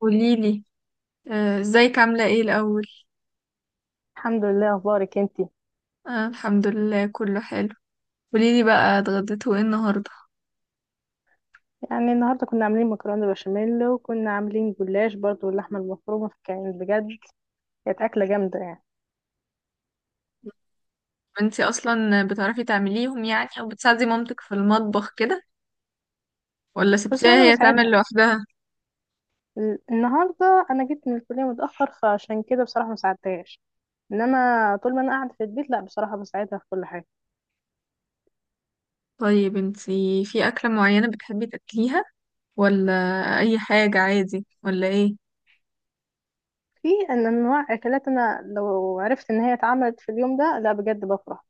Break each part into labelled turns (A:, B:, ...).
A: قوليلي. ازيك عاملة ايه الأول؟
B: الحمد لله. اخبارك انتي؟
A: آه، الحمد لله كله حلو. قوليلي بقى، اتغديتوا ايه النهاردة؟
B: يعني النهارده كنا عاملين مكرونه بشاميل، وكنا عاملين جلاش برضو، واللحمه المفرومه كانت بجد. كانت اكله جامده يعني.
A: انتي أصلا بتعرفي تعمليهم، يعني أو بتساعدي مامتك في المطبخ كده؟ ولا
B: بس
A: سبتيها
B: وانا
A: هي تعمل
B: بساعدها.
A: لوحدها؟
B: النهارده انا جيت من الكليه متاخر، فعشان كده بصراحه ما ساعدتهاش. انما طول ما انا قاعده في البيت، لا بصراحه بساعدها في كل حاجه.
A: طيب، انتي في أكلة معينة بتحبي تاكليها؟ ولا أي حاجة عادي؟ ولا ايه؟
B: في ان انواع اكلات، انا لو عرفت ان هي اتعملت في اليوم ده لا بجد بفرح.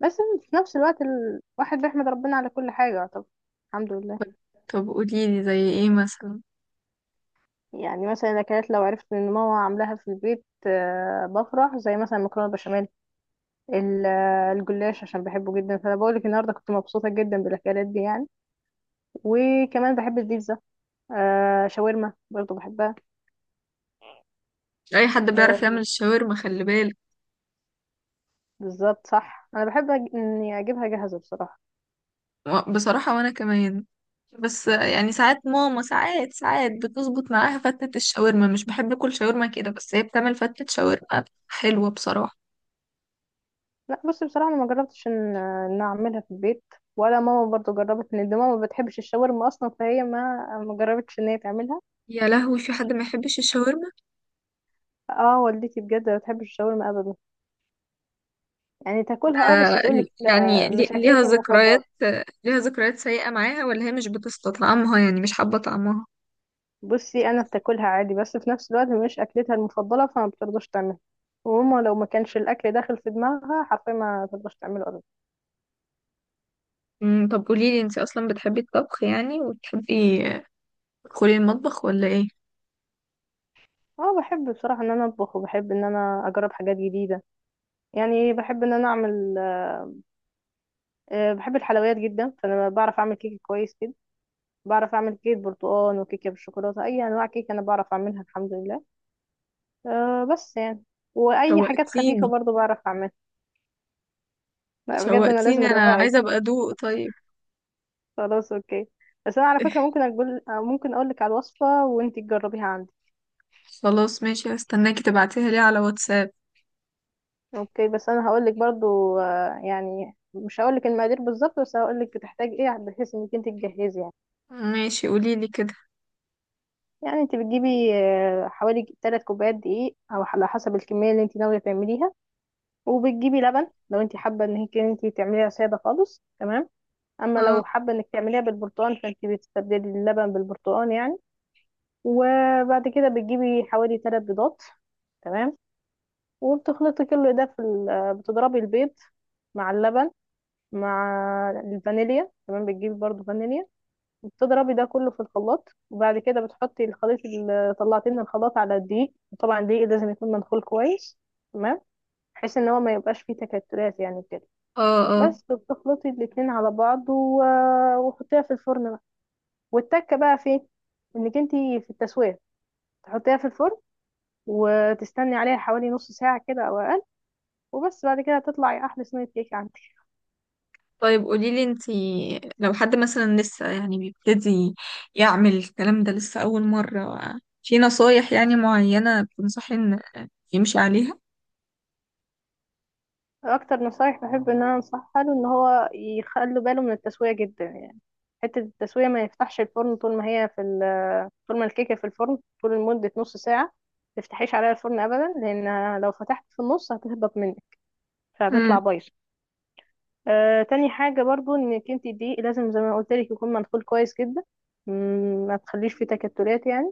B: بس في نفس الوقت الواحد بيحمد ربنا على كل حاجه. طب الحمد لله.
A: طب قوليلي زي ايه مثلا؟
B: يعني مثلا الاكلات لو عرفت ان ماما عاملاها في البيت، بفرح، زي مثلا المكرونه بشاميل. الجلاش عشان بحبه جدا، فانا بقول لك النهارده كنت مبسوطه جدا بالاكلات دي يعني. وكمان بحب البيتزا. شاورما برضو بحبها.
A: أي حد بيعرف يعمل
B: آه،
A: الشاورما خلي بالك.
B: بالظبط صح، انا بحب اني اجيبها جاهزه بصراحه.
A: بصراحة وانا كمان. بس يعني ساعات ماما ساعات بتظبط معاها فتة الشاورما، مش بحب اكل شاورما كده بس هي بتعمل فتة شاورما حلوة بصراحة.
B: لا بصي بصراحه، انا ما جربتش ان اعملها في البيت، ولا ماما برضو جربت ان، دي ماما ما بتحبش الشاورما اصلا، فهي ما جربتش ان هي تعملها.
A: يا لهوي، في حد ما يحبش الشاورما؟
B: اه، والدتي بجد ما بتحبش الشاورما ابدا. يعني تاكلها، اه، بس تقولك لا مش
A: ليها
B: اكلتي
A: ذكريات
B: المفضله.
A: آه، ليها ذكريات سيئة معاها، ولا هي مش بتستطعمها يعني مش حابة طعمها؟
B: بصي، انا بتاكلها عادي، بس في نفس الوقت مش اكلتها المفضله، فما بترضاش تعملها. وماما لو ما كانش الاكل داخل في دماغها حرفيا ما ترضاش تعمله ابدا.
A: طب قوليلي، انتي اصلا بتحبي الطبخ يعني وتحبي تدخلي المطبخ ولا ايه؟
B: اه بحب بصراحه ان انا اطبخ، وبحب ان انا اجرب حاجات جديده. يعني بحب ان انا اعمل، بحب الحلويات جدا، فانا بعرف اعمل كيك كويس جدا. بعرف اعمل كيك برتقال وكيكه بالشوكولاته، اي انواع كيك انا بعرف اعملها الحمد لله. بس يعني، واي حاجات خفيفه
A: شوقتيني.
B: برضو بعرف اعملها. لا، بجد انا لازم
A: شوقتيني، انا عايزة
B: ادوقك.
A: ابقى ادوق. طيب.
B: خلاص اوكي، بس انا على فكره ممكن اقول لك على الوصفه وانتي تجربيها عندي.
A: خلاص ماشي، هستناكي تبعتيها لي على واتساب.
B: اوكي، بس انا هقول لك برضو، يعني مش هقول لك المقادير بالظبط، بس هقول لك بتحتاج ايه، بحيث انك انت تجهزي يعني.
A: ماشي قوليلي كده.
B: يعني انت بتجيبي، حوالي 3 كوبايات دقيق، او على حسب الكميه اللي انت ناويه تعمليها. وبتجيبي لبن. لو انت حابه ان هيك انت تعمليها ساده خالص، تمام. اما لو
A: اه
B: حابه انك تعمليها بالبرتقال، فانت بتستبدلي اللبن بالبرتقال يعني. وبعد كده بتجيبي حوالي 3 بيضات، تمام. وبتخلطي كل ده في بتضربي البيض مع اللبن مع الفانيليا، تمام، بتجيبي برضو فانيليا. وبتضربي ده كله في الخلاط، وبعد كده بتحطي الخليط اللي طلعتيه من الخلاط على الدقيق، وطبعا الدقيق لازم يكون منخول كويس، تمام، بحيث ان هو ما يبقاش فيه تكتلات يعني كده.
A: اه اه.
B: بس بتخلطي الاتنين على بعض وحطيها في الفرن بقى. والتكه بقى فين انك انتي في التسويه. تحطيها في الفرن وتستني عليها حوالي نص ساعه كده او اقل، وبس بعد كده هتطلعي احلى صينيه كيك.
A: طيب قوليلي، انتي لو حد مثلا لسه يعني بيبتدي يعمل الكلام ده، لسه أول مرة، في نصايح يعني معينة بتنصحي ان يمشي عليها؟
B: اكتر نصايح بحب ان انا انصحها له، ان هو يخلي باله من التسويه جدا يعني. حته التسويه، ما يفتحش الفرن طول ما هي في طول ما الكيكه في الفرن طول لمده نص ساعه. ما تفتحيش عليها الفرن ابدا، لان لو فتحت في النص هتهبط منك، فهتطلع
A: امم.
B: بايظه. تاني حاجه برضو، انك انت دي لازم زي ما قلت لك يكون مدخول كويس جدا. ما تخليش فيه تكتلات يعني.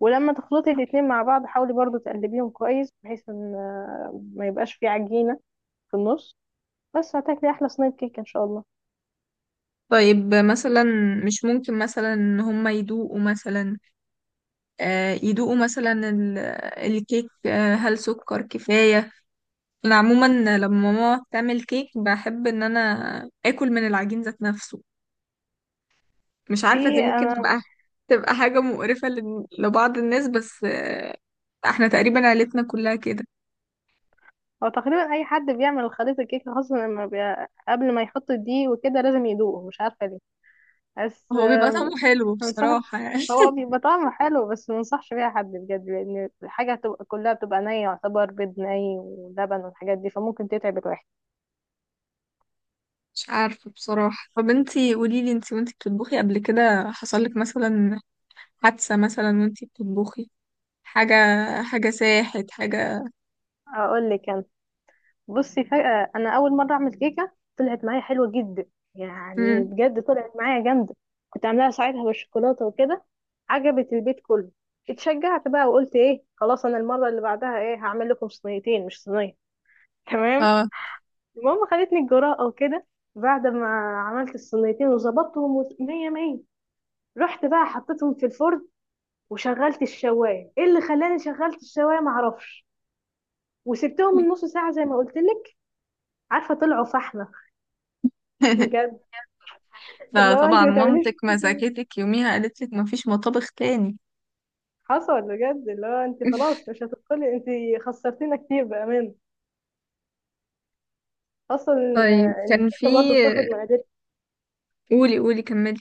B: ولما تخلطي الاتنين مع بعض، حاولي برضو تقلبيهم كويس بحيث ان، ما يبقاش فيه عجينه في النص. بس هتاكلي احلى صينيه كيكه ان شاء الله.
A: طيب مثلا، مش ممكن مثلا ان هما يدوقوا مثلا؟ يدوقوا مثلا الكيك؟ هل سكر كفاية؟ انا عموما لما ماما تعمل كيك بحب ان انا اكل من العجين ذات نفسه. مش عارفه، دي
B: في،
A: ممكن
B: انا،
A: تبقى، تبقى حاجه مقرفه لبعض الناس، بس احنا تقريبا عيلتنا كلها كده.
B: هو تقريبا اي حد بيعمل خليط الكيكه، خاصه لما قبل ما يحط الدقيق وكده لازم يدوقه، مش عارفه ليه. بس
A: هو بيبقى طعمه حلو
B: منصحش.
A: بصراحه يعني.
B: هو بيبقى طعمه حلو، بس منصحش بيها حد بجد، لان الحاجه هتبقى كلها بتبقى نيه يعتبر، بيض ني ولبن والحاجات دي، فممكن تتعب الواحد.
A: مش عارفه بصراحه. طب انتي قولي لي، انتي وانتي بتطبخي قبل كده حصل لك مثلا حادثه مثلا وانتي بتطبخي حاجه؟ ساحت حاجه؟
B: اقول لك. بصي، فجأة أنا أول مرة أعمل كيكة طلعت معايا حلوة جدا. يعني
A: امم.
B: بجد طلعت معايا جامدة. كنت عاملاها ساعتها بالشوكولاتة وكده، عجبت البيت كله. اتشجعت بقى وقلت إيه خلاص، أنا المرة اللي بعدها إيه هعمل لكم صينيتين مش صينية. تمام.
A: اه.
B: المهم خدتني الجرأة وكده، بعد ما عملت الصينيتين وظبطتهم مية مية، رحت بقى حطيتهم في الفرن، وشغلت الشواية. ايه اللي خلاني شغلت الشواية معرفش. وسبتهم من نص ساعة زي ما قلت لك، عارفة طلعوا فحمة بجد.
A: لا
B: لا انت
A: طبعا،
B: ما تعمليش
A: مامتك
B: كده.
A: مسكتك يوميها قالت لك مفيش مطابخ تاني.
B: حصل بجد. لا انت خلاص مش هتدخلي انت، خسرتينا كتير بامان اصلا.
A: طيب
B: إن
A: كان في.
B: الكيكه برضو بتاخد مقادير،
A: قولي قولي كملي.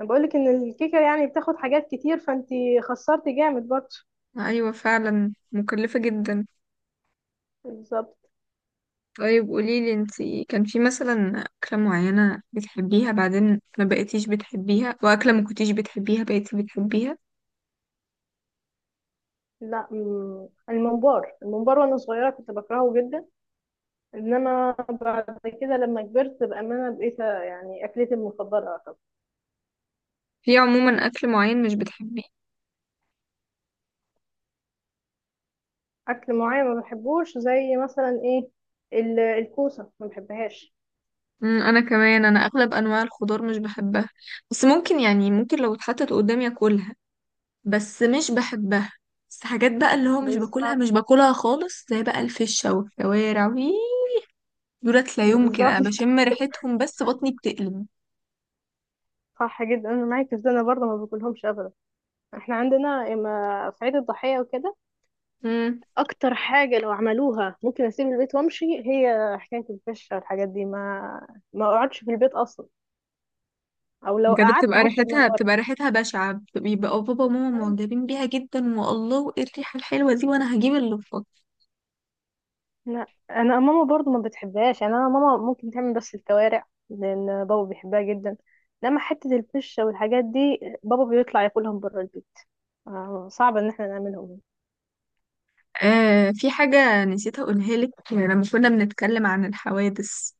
B: انا بقول لك ان الكيكه يعني بتاخد حاجات كتير، فانت خسرتي جامد برضو.
A: ايوه فعلا، مكلفة جدا.
B: بالظبط.
A: طيب قولي لي انتي، كان في مثلا أكلة معينة بتحبيها بعدين ما بقيتيش بتحبيها، وأكلة ما كنتيش بتحبيها بقيتي بتحبيها؟
B: لا، الممبار الممبار وانا صغيره كنت بكرهه جدا، انما بعد كده لما كبرت بامانه بقيت يعني اكلتي المفضله أعتبر.
A: في عموما أكل معين مش بتحبيه؟
B: اكل معين ما بحبوش، زي مثلا ايه، الكوسه ما بحبهاش.
A: أمم، انا كمان، انا اغلب انواع الخضار مش بحبها، بس ممكن يعني ممكن لو اتحطت قدامي اكلها، بس مش بحبها. بس حاجات بقى اللي هو مش باكلها
B: بالظبط.
A: مش باكلها خالص زي بقى الفشة والكوارع. دولت لا يمكن،
B: بالظبط.
A: انا بشم ريحتهم بس بطني بتقلب.
B: صح جدا انا معاك، ازاي انا برضه ما باكلهمش ابدا. احنا عندنا اما في عيد الضحيه وكده،
A: امم.
B: اكتر حاجه لو عملوها ممكن اسيب البيت وامشي، هي حكايه الفشه والحاجات دي، ما اقعدش في البيت اصلا، او لو
A: بجد
B: قعدت
A: بتبقى
B: هطلب من
A: ريحتها
B: بره.
A: بتبقى ريحتها بشعة، بيبقى بابا وماما معجبين بيها جدا والله، وايه الريحة الحلوة دي، وانا هجيب اللفات.
B: لا انا ماما برضه ما بتحبهاش، يعني انا ماما ممكن تعمل بس الكوارع لان بابا بيحبها جدا. لما حته الفشه والحاجات دي، بابا بيطلع ياكلهم بره البيت. صعب ان احنا نعملهم.
A: في حاجة نسيت اقولها لك لما كنا بنتكلم عن الحوادث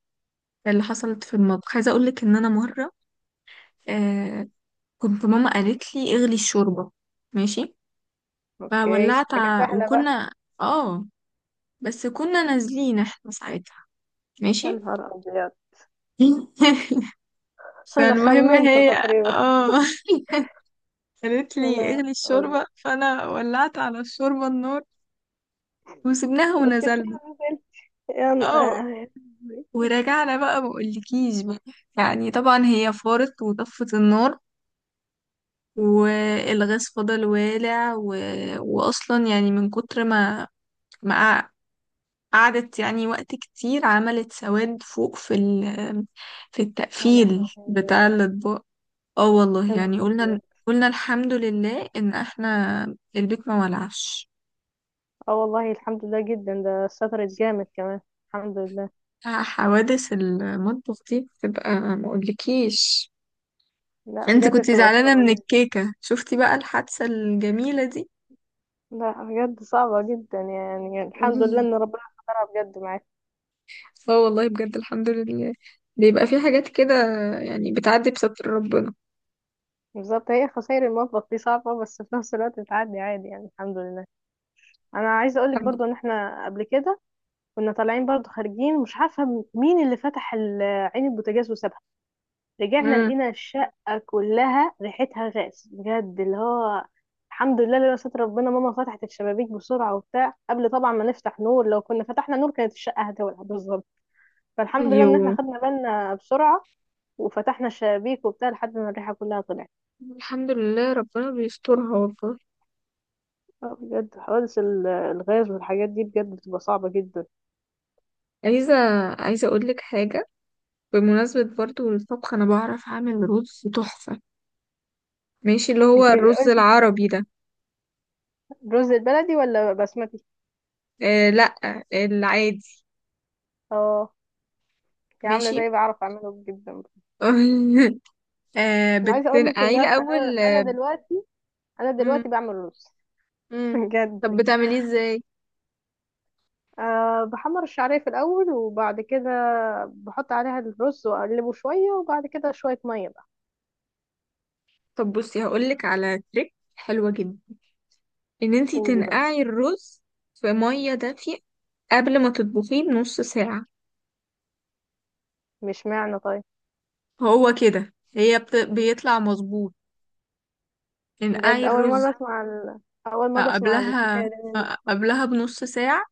A: اللي حصلت في المطبخ. عايزة اقول لك ان انا مرة، آه كنت ماما قالت لي اغلي الشوربة. ماشي.
B: اوكي،
A: فولعت،
B: حاجه سهله بقى.
A: وكنا، اه، بس كنا نازلين احنا ساعتها.
B: يا
A: ماشي.
B: نهار ابيض. انا
A: فالمهم
B: خمنت
A: هي،
B: تقريبا.
A: اه. قالت
B: يا
A: لي
B: انا.
A: اغلي الشوربة فانا ولعت على الشوربة النار وسبناها ونزلنا.
B: نزل يا
A: اه.
B: ن-
A: ورجعنا بقى، ما اقولكيش بقى، يعني طبعا هي فارت وطفت النار، والغاز فضل والع واصلا يعني من كتر ما قع- قعدت يعني وقت كتير، عملت سواد فوق في
B: يا
A: التقفيل بتاع
B: لهوي.
A: الاطباق. اه
B: يا
A: والله
B: نهار
A: يعني
B: ابيض.
A: قلنا، الحمد لله ان احنا البيت ما ولعش.
B: اه والله الحمد لله جدا، ده شطرت جامد كمان، الحمد لله.
A: حوادث المطبخ دي بتبقى ما اقولكيش.
B: لا
A: انت
B: بجد
A: كنت
B: بتبقى
A: زعلانة
B: صعبة
A: من
B: جدا.
A: الكيكة، شفتي بقى الحادثة الجميلة دي.
B: لا بجد صعبة جدا يعني، الحمد لله
A: مم.
B: ان ربنا سترها بجد معاك.
A: اه والله بجد الحمد لله. بيبقى في حاجات كده يعني بتعدي بستر ربنا.
B: بالظبط. هي خسائر المطبخ دي صعبة، بس في نفس الوقت بتعدي عادي يعني، الحمد لله. انا عايزة اقولك برضو، ان احنا قبل كده كنا طالعين برضو خارجين، مش عارفة مين اللي فتح عين البوتاجاز وسابها. رجعنا
A: امم.
B: لقينا الشقة كلها ريحتها غاز بجد، اللي هو، الحمد لله لولا ستر ربنا، ماما فتحت الشبابيك بسرعة وبتاع قبل طبعا ما نفتح نور، لو كنا فتحنا نور كانت الشقة هتولع بالظبط. فالحمد لله ان احنا
A: ايوه،
B: خدنا بالنا بسرعة، وفتحنا الشبابيك وبتاع لحد ما الريحة كلها طلعت.
A: الحمد لله ربنا بيسترها والله.
B: بجد حوادث الغاز والحاجات دي بجد بتبقى صعبة جدا.
A: عايزة عايزة اقول لك حاجة. بمناسبة برضو الطبخ، انا بعرف اعمل رز تحفة. ماشي؟ اللي هو
B: انت
A: الرز
B: قلتي فيها
A: العربي ده.
B: رز البلدي ولا بسمتي؟
A: آه لا، العادي.
B: اه، دي عاملة
A: ماشي.
B: زي، بعرف اعمله جدا.
A: آه
B: انا عايزة اقول لك
A: بتنقعيه
B: ان انا انا
A: الأول.
B: أنا دلوقتي انا دلوقتي
A: مم.
B: بعمل رز
A: مم. طب
B: بجد.
A: بتعمليه ازاي؟
B: بحمر الشعرية في الأول، وبعد كده بحط عليها الرز وأقلبه شوية، وبعد كده شوية مية بقى.
A: طب بصي هقولك على تريك حلوة جدا، ان انتي
B: قولي بقى.
A: تنقعي الرز في مية دافية قبل ما تطبخيه بنص ساعة.
B: مش معنى طيب.
A: هو كده هي بيطلع مظبوط.
B: بجد
A: انقعي الرز،
B: أول مرة أسمع
A: قبلها،
B: الحكاية دي منك.
A: قبلها بنص ساعة،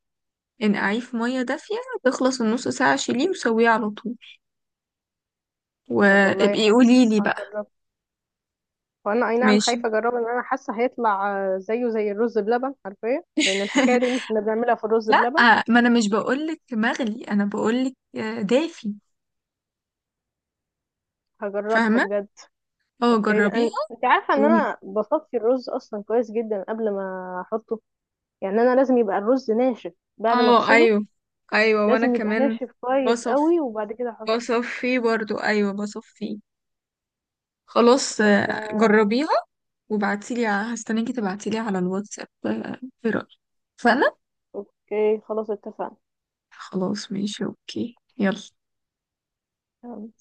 A: انقعيه في مية دافية، تخلص النص ساعة شيليه وسويه على طول،
B: طب والله
A: وابقي
B: حلو،
A: قولي لي بقى.
B: هجرب. وأنا أي نعم
A: ماشي.
B: خايفة أجربه، لأن أنا حاسة هيطلع زيه زي الرز بلبن عارفة، لأن الحكاية دي إن إحنا بنعملها في الرز
A: لا
B: بلبن.
A: ما انا مش بقولك مغلي، انا بقولك دافي.
B: هجربها
A: فاهمه؟
B: بجد.
A: اه
B: أوكي، ده
A: جربيها.
B: أنت عارفة
A: و...
B: إن أنا بصفي الرز أصلا كويس جدا قبل ما أحطه، يعني أنا لازم يبقى الرز ناشف بعد ما
A: اه
B: أغسله،
A: ايوه، ايوه وانا
B: لازم يبقى
A: كمان.
B: ناشف كويس
A: بصف
B: قوي وبعد كده احطه.
A: بصف فيه برضو، ايوه بصف فيه. خلاص
B: ف
A: جربيها وابعتيلي، هستناكي تبعتيلي على الواتساب. ايه رأيك؟ فانا،
B: اوكي خلاص اتفقنا.
A: خلاص ماشي اوكي يلا.
B: تمام.